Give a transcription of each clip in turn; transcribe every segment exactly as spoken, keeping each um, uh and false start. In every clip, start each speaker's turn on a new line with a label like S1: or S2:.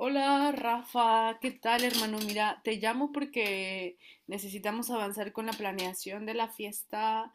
S1: Hola Rafa, ¿qué tal hermano? Mira, te llamo porque necesitamos avanzar con la planeación de la fiesta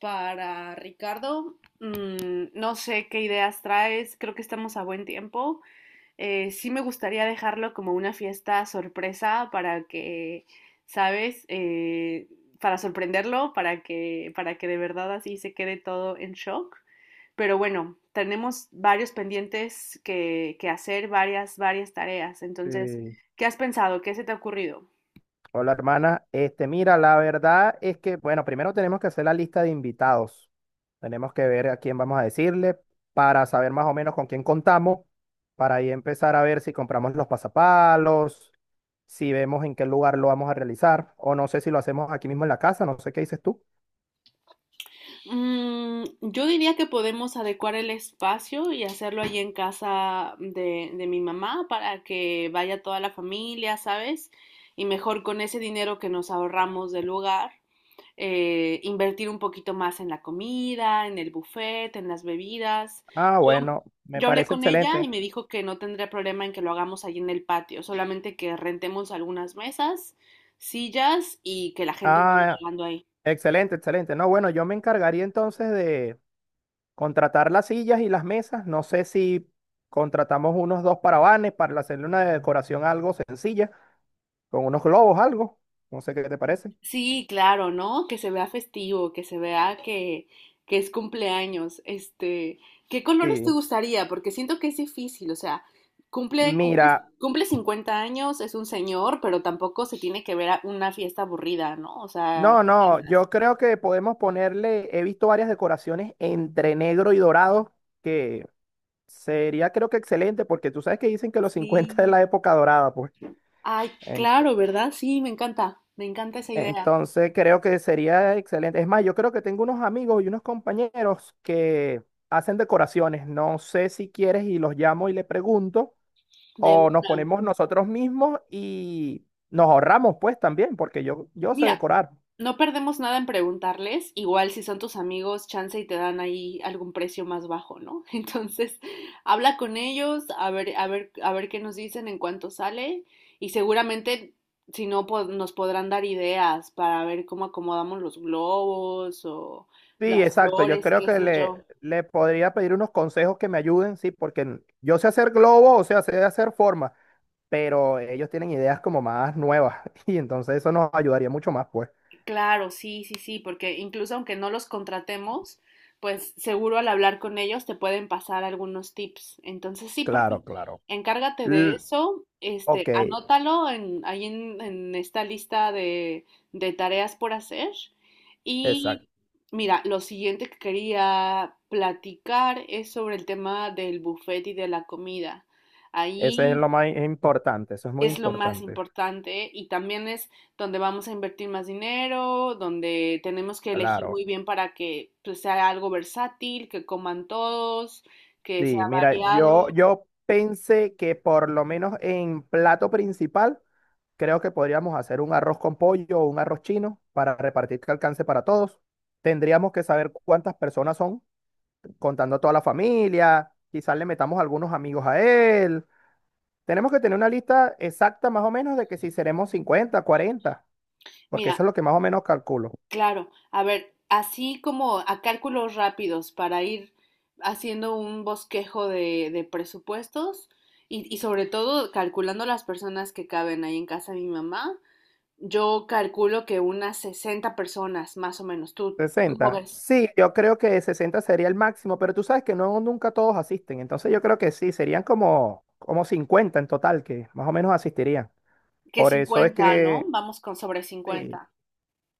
S1: para Ricardo. Mm, no sé qué ideas traes, creo que estamos a buen tiempo. Eh, sí, me gustaría dejarlo como una fiesta sorpresa para que, ¿sabes? Eh, para sorprenderlo, para que, para que de verdad así se quede todo en shock. Pero bueno, tenemos varios pendientes que, que hacer, varias, varias tareas. Entonces,
S2: Sí.
S1: ¿qué has pensado? ¿Qué se te ha ocurrido?
S2: Hola, hermana. Este, mira, la verdad es que, bueno, primero tenemos que hacer la lista de invitados. Tenemos que ver a quién vamos a decirle para saber más o menos con quién contamos, para ahí empezar a ver si compramos los pasapalos, si vemos en qué lugar lo vamos a realizar, o no sé si lo hacemos aquí mismo en la casa, no sé qué dices tú.
S1: Mm, yo diría que podemos adecuar el espacio y hacerlo allí en casa de, de mi mamá para que vaya toda la familia, ¿sabes? Y mejor con ese dinero que nos ahorramos del lugar, eh, invertir un poquito más en la comida, en el buffet, en las bebidas.
S2: Ah,
S1: Yo,
S2: bueno, me
S1: yo hablé
S2: parece
S1: con ella y
S2: excelente.
S1: me dijo que no tendría problema en que lo hagamos allí en el patio, solamente que rentemos algunas mesas, sillas y que la gente vaya
S2: Ah,
S1: llegando ahí.
S2: excelente, excelente. No, bueno, yo me encargaría entonces de contratar las sillas y las mesas. No sé si contratamos unos dos parabanes para hacerle una decoración algo sencilla, con unos globos, algo. No sé qué te parece.
S1: Sí, claro, ¿no? Que se vea festivo, que se vea que, que es cumpleaños. Este, ¿qué colores te
S2: Sí.
S1: gustaría? Porque siento que es difícil, o sea, cumple, cumple,
S2: Mira,
S1: cumple cincuenta años, es un señor, pero tampoco se tiene que ver a una fiesta aburrida, ¿no? O sea,
S2: no,
S1: ¿qué
S2: no,
S1: piensas?
S2: yo creo que podemos ponerle, he visto varias decoraciones entre negro y dorado, que sería creo que excelente, porque tú sabes que dicen que los cincuenta es
S1: Sí.
S2: la época dorada, pues.
S1: Ay, claro, ¿verdad? Sí, me encanta, me encanta esa idea.
S2: Entonces creo que sería excelente. Es más, yo creo que tengo unos amigos y unos compañeros que hacen decoraciones. No sé si quieres y los llamo y le pregunto o nos ponemos nosotros mismos y nos ahorramos pues también, porque yo, yo sé
S1: Mira,
S2: decorar.
S1: no perdemos nada en preguntarles, igual si son tus amigos, chance y te dan ahí algún precio más bajo, ¿no? Entonces, habla con ellos, a ver, a ver, a ver qué nos dicen en cuánto sale y seguramente si no po- nos podrán dar ideas para ver cómo acomodamos los globos o
S2: Sí,
S1: las
S2: exacto. Yo
S1: flores,
S2: creo
S1: qué
S2: que
S1: sé yo.
S2: le, le podría pedir unos consejos que me ayuden, sí, porque n- yo sé hacer globos, o sea, sé hacer formas, pero ellos tienen ideas como más nuevas y entonces eso nos ayudaría mucho más pues.
S1: Claro, sí, sí, sí, porque incluso aunque no los contratemos, pues seguro al hablar con ellos te pueden pasar algunos tips. Entonces, sí, por
S2: Claro,
S1: fin,
S2: claro.
S1: encárgate de
S2: L-
S1: eso,
S2: ok.
S1: este, anótalo en, ahí en, en esta lista de, de tareas por hacer.
S2: Exacto.
S1: Y mira, lo siguiente que quería platicar es sobre el tema del buffet y de la comida.
S2: Ese es
S1: Ahí
S2: lo más importante, eso es muy
S1: es lo más
S2: importante.
S1: importante y también es donde vamos a invertir más dinero, donde tenemos que elegir
S2: Claro.
S1: muy bien para que pues, sea algo versátil, que coman todos, que sea
S2: Sí, mira, yo,
S1: variado.
S2: yo pensé que por lo menos en plato principal, creo que podríamos hacer un arroz con pollo o un arroz chino para repartir que alcance para todos. Tendríamos que saber cuántas personas son, contando a toda la familia, quizás le metamos algunos amigos a él. Tenemos que tener una lista exacta más o menos de que si seremos cincuenta, cuarenta, porque
S1: Mira,
S2: eso es lo que más o menos calculo.
S1: claro, a ver, así como a cálculos rápidos para ir haciendo un bosquejo de, de presupuestos y, y sobre todo calculando las personas que caben ahí en casa de mi mamá, yo calculo que unas sesenta personas más o menos. ¿Tú, tú ¿cómo
S2: sesenta.
S1: ves?
S2: Sí, yo creo que sesenta sería el máximo, pero tú sabes que no nunca todos asisten, entonces yo creo que sí, serían como, como cincuenta en total que más o menos asistirían.
S1: Que
S2: Por eso es
S1: cincuenta ¿no?
S2: que,
S1: Vamos con sobre
S2: sí,
S1: cincuenta.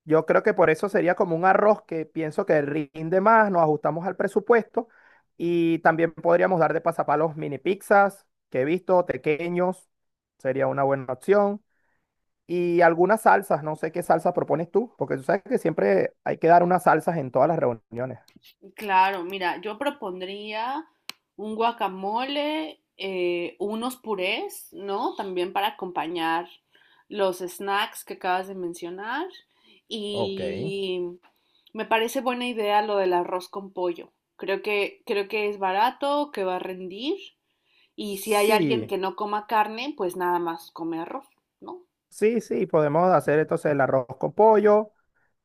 S2: yo creo que por eso sería como un arroz que pienso que rinde más, nos ajustamos al presupuesto y también podríamos dar de pasapalos mini pizzas que he visto, pequeños, sería una buena opción. Y algunas salsas, no sé qué salsa propones tú, porque tú sabes que siempre hay que dar unas salsas en todas las reuniones.
S1: Claro, mira, yo propondría un guacamole, eh, unos purés, ¿no? También para acompañar los snacks que acabas de mencionar.
S2: Ok.
S1: Y me parece buena idea lo del arroz con pollo. Creo que, creo que es barato, que va a rendir. Y si hay alguien
S2: Sí,
S1: que no coma carne, pues nada más come arroz, ¿no?
S2: sí, sí, podemos hacer entonces el arroz con pollo,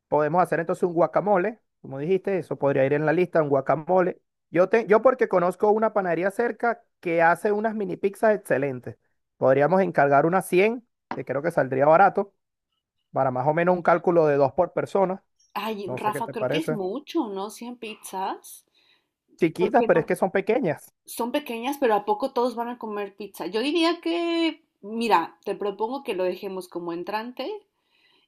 S2: podemos hacer entonces un guacamole, como dijiste, eso podría ir en la lista, un guacamole. Yo, te, yo porque conozco una panadería cerca que hace unas mini pizzas excelentes. Podríamos encargar unas cien que creo que saldría barato, para más o menos un cálculo de dos por persona.
S1: Ay,
S2: No sé qué
S1: Rafa,
S2: te
S1: creo que es
S2: parece.
S1: mucho, ¿no? Cien pizzas.
S2: Chiquitas,
S1: Porque
S2: pero es que
S1: no,
S2: son pequeñas.
S1: son pequeñas, pero ¿a poco todos van a comer pizza? Yo diría que, mira, te propongo que lo dejemos como entrante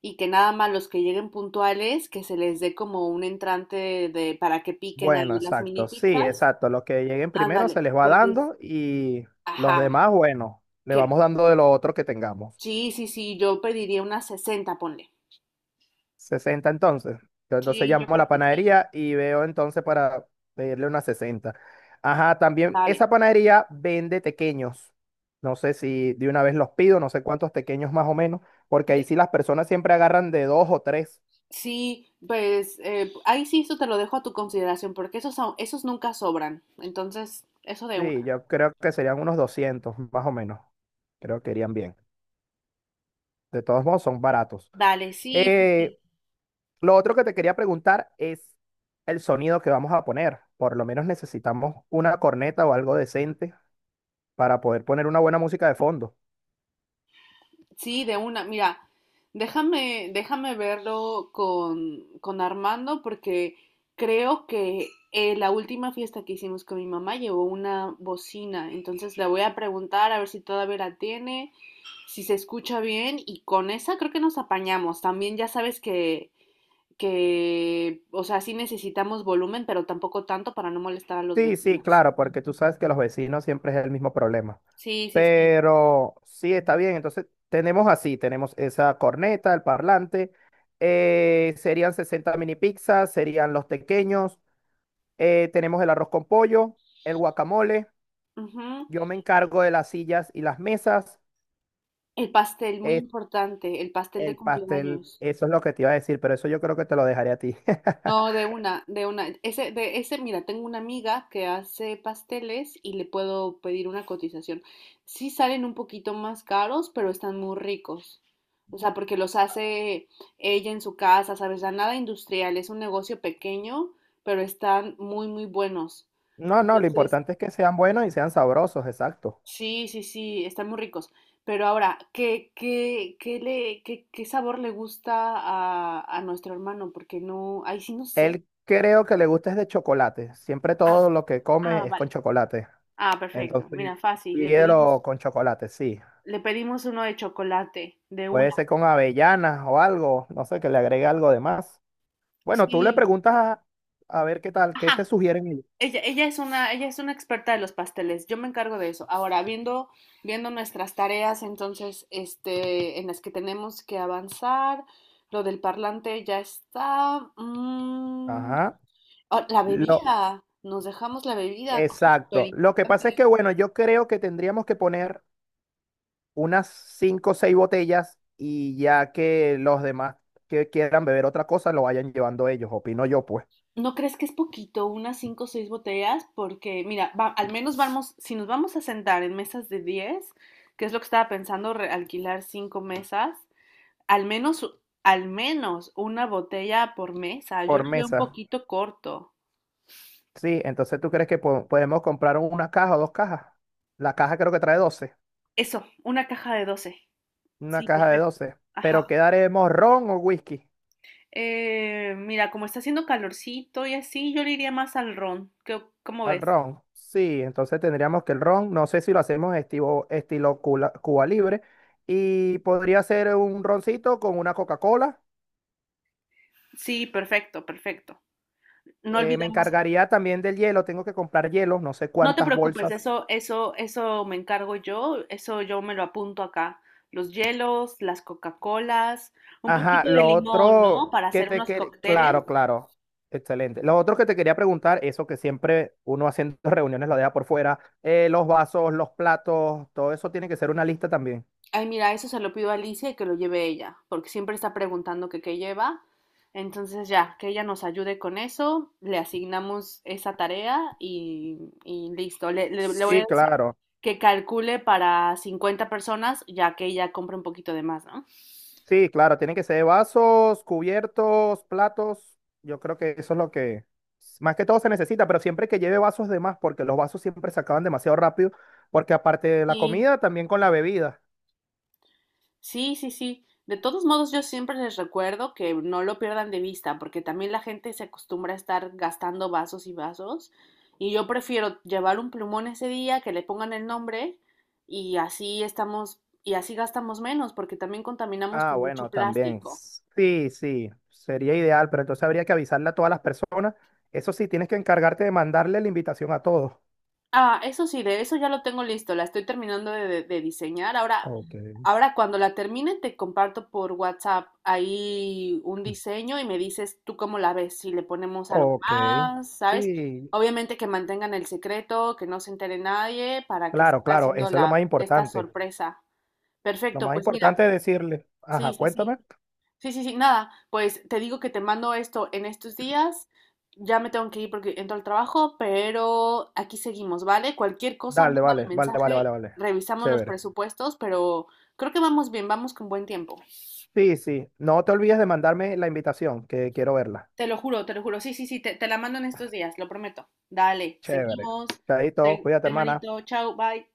S1: y que nada más los que lleguen puntuales, que se les dé como un entrante de, para que piquen
S2: Bueno,
S1: ahí las mini
S2: exacto, sí,
S1: pizzas.
S2: exacto. Los que lleguen primero
S1: Ándale,
S2: se les va
S1: porque, es-
S2: dando y los
S1: ajá,
S2: demás, bueno, le vamos
S1: que
S2: dando de lo otro que tengamos.
S1: sí, sí, sí, yo pediría unas sesenta, ponle.
S2: Sesenta entonces. Yo entonces
S1: Sí, yo
S2: llamo a la
S1: creo que sí.
S2: panadería y veo entonces para pedirle una sesenta. Ajá, también
S1: Vale.
S2: esa panadería vende tequeños. No sé si de una vez los pido, no sé cuántos tequeños más o menos, porque ahí
S1: Ent-
S2: sí las personas siempre agarran de dos o tres.
S1: Sí, pues eh, ahí sí, eso te lo dejo a tu consideración, porque esos, son- esos nunca sobran. Entonces, eso de
S2: Sí,
S1: una.
S2: yo creo que serían unos doscientos más o menos. Creo que irían bien. De todos modos, son baratos.
S1: Vale, sí, sí,
S2: Eh,
S1: sí,
S2: Lo otro que te quería preguntar es el sonido que vamos a poner. Por lo menos necesitamos una corneta o algo decente para poder poner una buena música de fondo.
S1: sí, de una. Mira, déjame, déjame verlo con, con Armando porque creo que eh, la última fiesta que hicimos con mi mamá llevó una bocina, entonces le voy a preguntar a ver si todavía la tiene, si se escucha bien y con esa creo que nos apañamos. También ya sabes que, que, o sea, sí necesitamos volumen, pero tampoco tanto para no molestar a los
S2: Sí, sí,
S1: vecinos.
S2: claro, porque tú sabes que los vecinos siempre es el mismo problema.
S1: Sí, sí, sí.
S2: Pero sí, está bien. Entonces, tenemos así, tenemos esa corneta, el parlante, eh, serían sesenta mini pizzas, serían los pequeños, eh, tenemos el arroz con pollo, el guacamole,
S1: Ujú.
S2: yo me encargo de las sillas y las mesas,
S1: El pastel, muy
S2: eh,
S1: importante, el pastel de
S2: el pastel,
S1: cumpleaños.
S2: eso es lo que te iba a decir, pero eso yo creo que te lo dejaré a ti.
S1: No, de una, de una. Ese, de ese, mira, tengo una amiga que hace pasteles y le puedo pedir una cotización. Sí salen un poquito más caros, pero están muy ricos. O sea, porque los hace ella en su casa, ¿sabes? Ya nada industrial, es un negocio pequeño, pero están muy, muy buenos.
S2: No, no, lo
S1: Entonces,
S2: importante es que sean buenos y sean sabrosos, exacto.
S1: sí, sí, sí, están muy ricos. Pero ahora, ¿qué, qué, qué le, qué, qué sabor le gusta a, a nuestro hermano? Porque no, ahí sí no sé.
S2: Él creo que le gusta es de chocolate. Siempre
S1: Ah,
S2: todo lo que
S1: ah,
S2: come es
S1: vale.
S2: con chocolate.
S1: Ah, perfecto.
S2: Entonces,
S1: Mira, fácil. Le pedimos,
S2: pídelo con chocolate, sí.
S1: le pedimos uno de chocolate, de una.
S2: Puede ser con avellanas o algo, no sé, que le agregue algo de más. Bueno, tú le
S1: Sí.
S2: preguntas a, a ver qué tal, qué te
S1: Ajá.
S2: sugieren ellos.
S1: Ella, ella es una, ella es una experta de los pasteles. Yo me encargo de eso. Ahora, viendo, viendo nuestras tareas, entonces, este, en las que tenemos que avanzar, lo del parlante ya está. mm,
S2: Ajá.
S1: Ah, la
S2: Lo,
S1: bebida, nos dejamos la bebida, cosa súper
S2: exacto. Lo que pasa es
S1: importante.
S2: que, bueno, yo creo que tendríamos que poner unas cinco o seis botellas y ya que los demás que quieran beber otra cosa lo vayan llevando ellos, opino yo, pues,
S1: ¿No crees que es poquito, unas cinco o seis botellas? Porque, mira, va- al menos vamos, si nos vamos a sentar en mesas de diez que es lo que estaba pensando, re- alquilar cinco mesas, al menos, al menos una botella por mesa. Yo
S2: por
S1: lo veo un
S2: mesa.
S1: poquito corto.
S2: Sí, entonces tú crees que po- podemos comprar una caja o dos cajas. La caja creo que trae doce,
S1: Eso, una caja de doce.
S2: una
S1: Sí,
S2: caja de
S1: perfecto.
S2: doce. Pero
S1: Ajá.
S2: ¿quedaremos ron o whisky?
S1: Eh, mira, como está haciendo calorcito y así, yo le iría más al ron. ¿Qué- ¿Cómo
S2: Al
S1: ves?
S2: ron. Sí, entonces tendríamos que el ron, no sé si lo hacemos estilo, estilo Cuba, Cuba Libre, y podría ser un roncito con una Coca-Cola.
S1: Sí, perfecto, perfecto. No
S2: Eh, me
S1: olvidemos,
S2: encargaría también del hielo, tengo que comprar hielo, no sé
S1: no te
S2: cuántas
S1: preocupes,
S2: bolsas.
S1: eso, eso, eso me encargo yo, eso yo me lo apunto acá. Los hielos, las Coca-Colas, un
S2: Ajá,
S1: poquito de
S2: lo
S1: limón, ¿no?
S2: otro
S1: Para
S2: que
S1: hacer
S2: te
S1: unos
S2: quería,
S1: cócteles.
S2: claro, claro, excelente. Lo otro que te quería preguntar, eso que siempre uno haciendo reuniones lo deja por fuera, eh, los vasos, los platos, todo eso tiene que ser una lista también.
S1: Ay, mira, eso se lo pido a Alicia y que lo lleve ella, porque siempre está preguntando que qué lleva. Entonces ya, que ella nos ayude con eso, le asignamos esa tarea y, y listo. Le, le- le voy a
S2: Sí,
S1: decir
S2: claro,
S1: que calcule para cincuenta personas, ya que ella compra un poquito de más, ¿no?
S2: sí, claro, tienen que ser vasos, cubiertos, platos, yo creo que eso es lo que más que todo se necesita, pero siempre que lleve vasos de más, porque los vasos siempre se acaban demasiado rápido, porque aparte de la
S1: Sí,
S2: comida, también con la bebida.
S1: sí, sí, sí. De todos modos, yo siempre les recuerdo que no lo pierdan de vista, porque también la gente se acostumbra a estar gastando vasos y vasos. Y yo prefiero llevar un plumón ese día, que le pongan el nombre, y así estamos, y así gastamos menos, porque también contaminamos
S2: Ah,
S1: con mucho
S2: bueno, también.
S1: plástico.
S2: Sí, sí, sería ideal, pero entonces habría que avisarle a todas las personas. Eso sí, tienes que encargarte de mandarle la invitación a todos.
S1: Ah, eso sí, de eso ya lo tengo listo, la estoy terminando de, de- de diseñar. Ahora,
S2: Ok.
S1: ahora cuando la termine te comparto por WhatsApp ahí un diseño y me dices tú cómo la ves, si le ponemos algo
S2: Ok.
S1: más, ¿sabes?
S2: Sí,
S1: Obviamente que mantengan el secreto, que no se entere nadie para que
S2: claro,
S1: siga
S2: claro,
S1: haciendo
S2: eso es lo
S1: la,
S2: más
S1: esta
S2: importante.
S1: sorpresa.
S2: Lo
S1: Perfecto,
S2: más
S1: pues mira,
S2: importante es decirle, ajá,
S1: sí, sí, sí.
S2: cuéntame.
S1: Sí, sí, sí, nada, pues te digo que te mando esto en estos días. Ya me tengo que ir porque entro al trabajo, pero aquí seguimos, ¿vale? Cualquier cosa,
S2: Dale,
S1: mándame
S2: vale, vale, vale, vale,
S1: mensaje,
S2: vale.
S1: revisamos los
S2: Chévere.
S1: presupuestos, pero creo que vamos bien, vamos con buen tiempo.
S2: Sí, sí, no te olvides de mandarme la invitación, que quiero verla.
S1: Te lo juro, te lo juro. Sí, sí, sí, te, te la mando en estos días, lo prometo. Dale,
S2: Chévere.
S1: seguimos.
S2: Chaito,
S1: Se-
S2: cuídate, hermana.
S1: hermanito, chao, bye.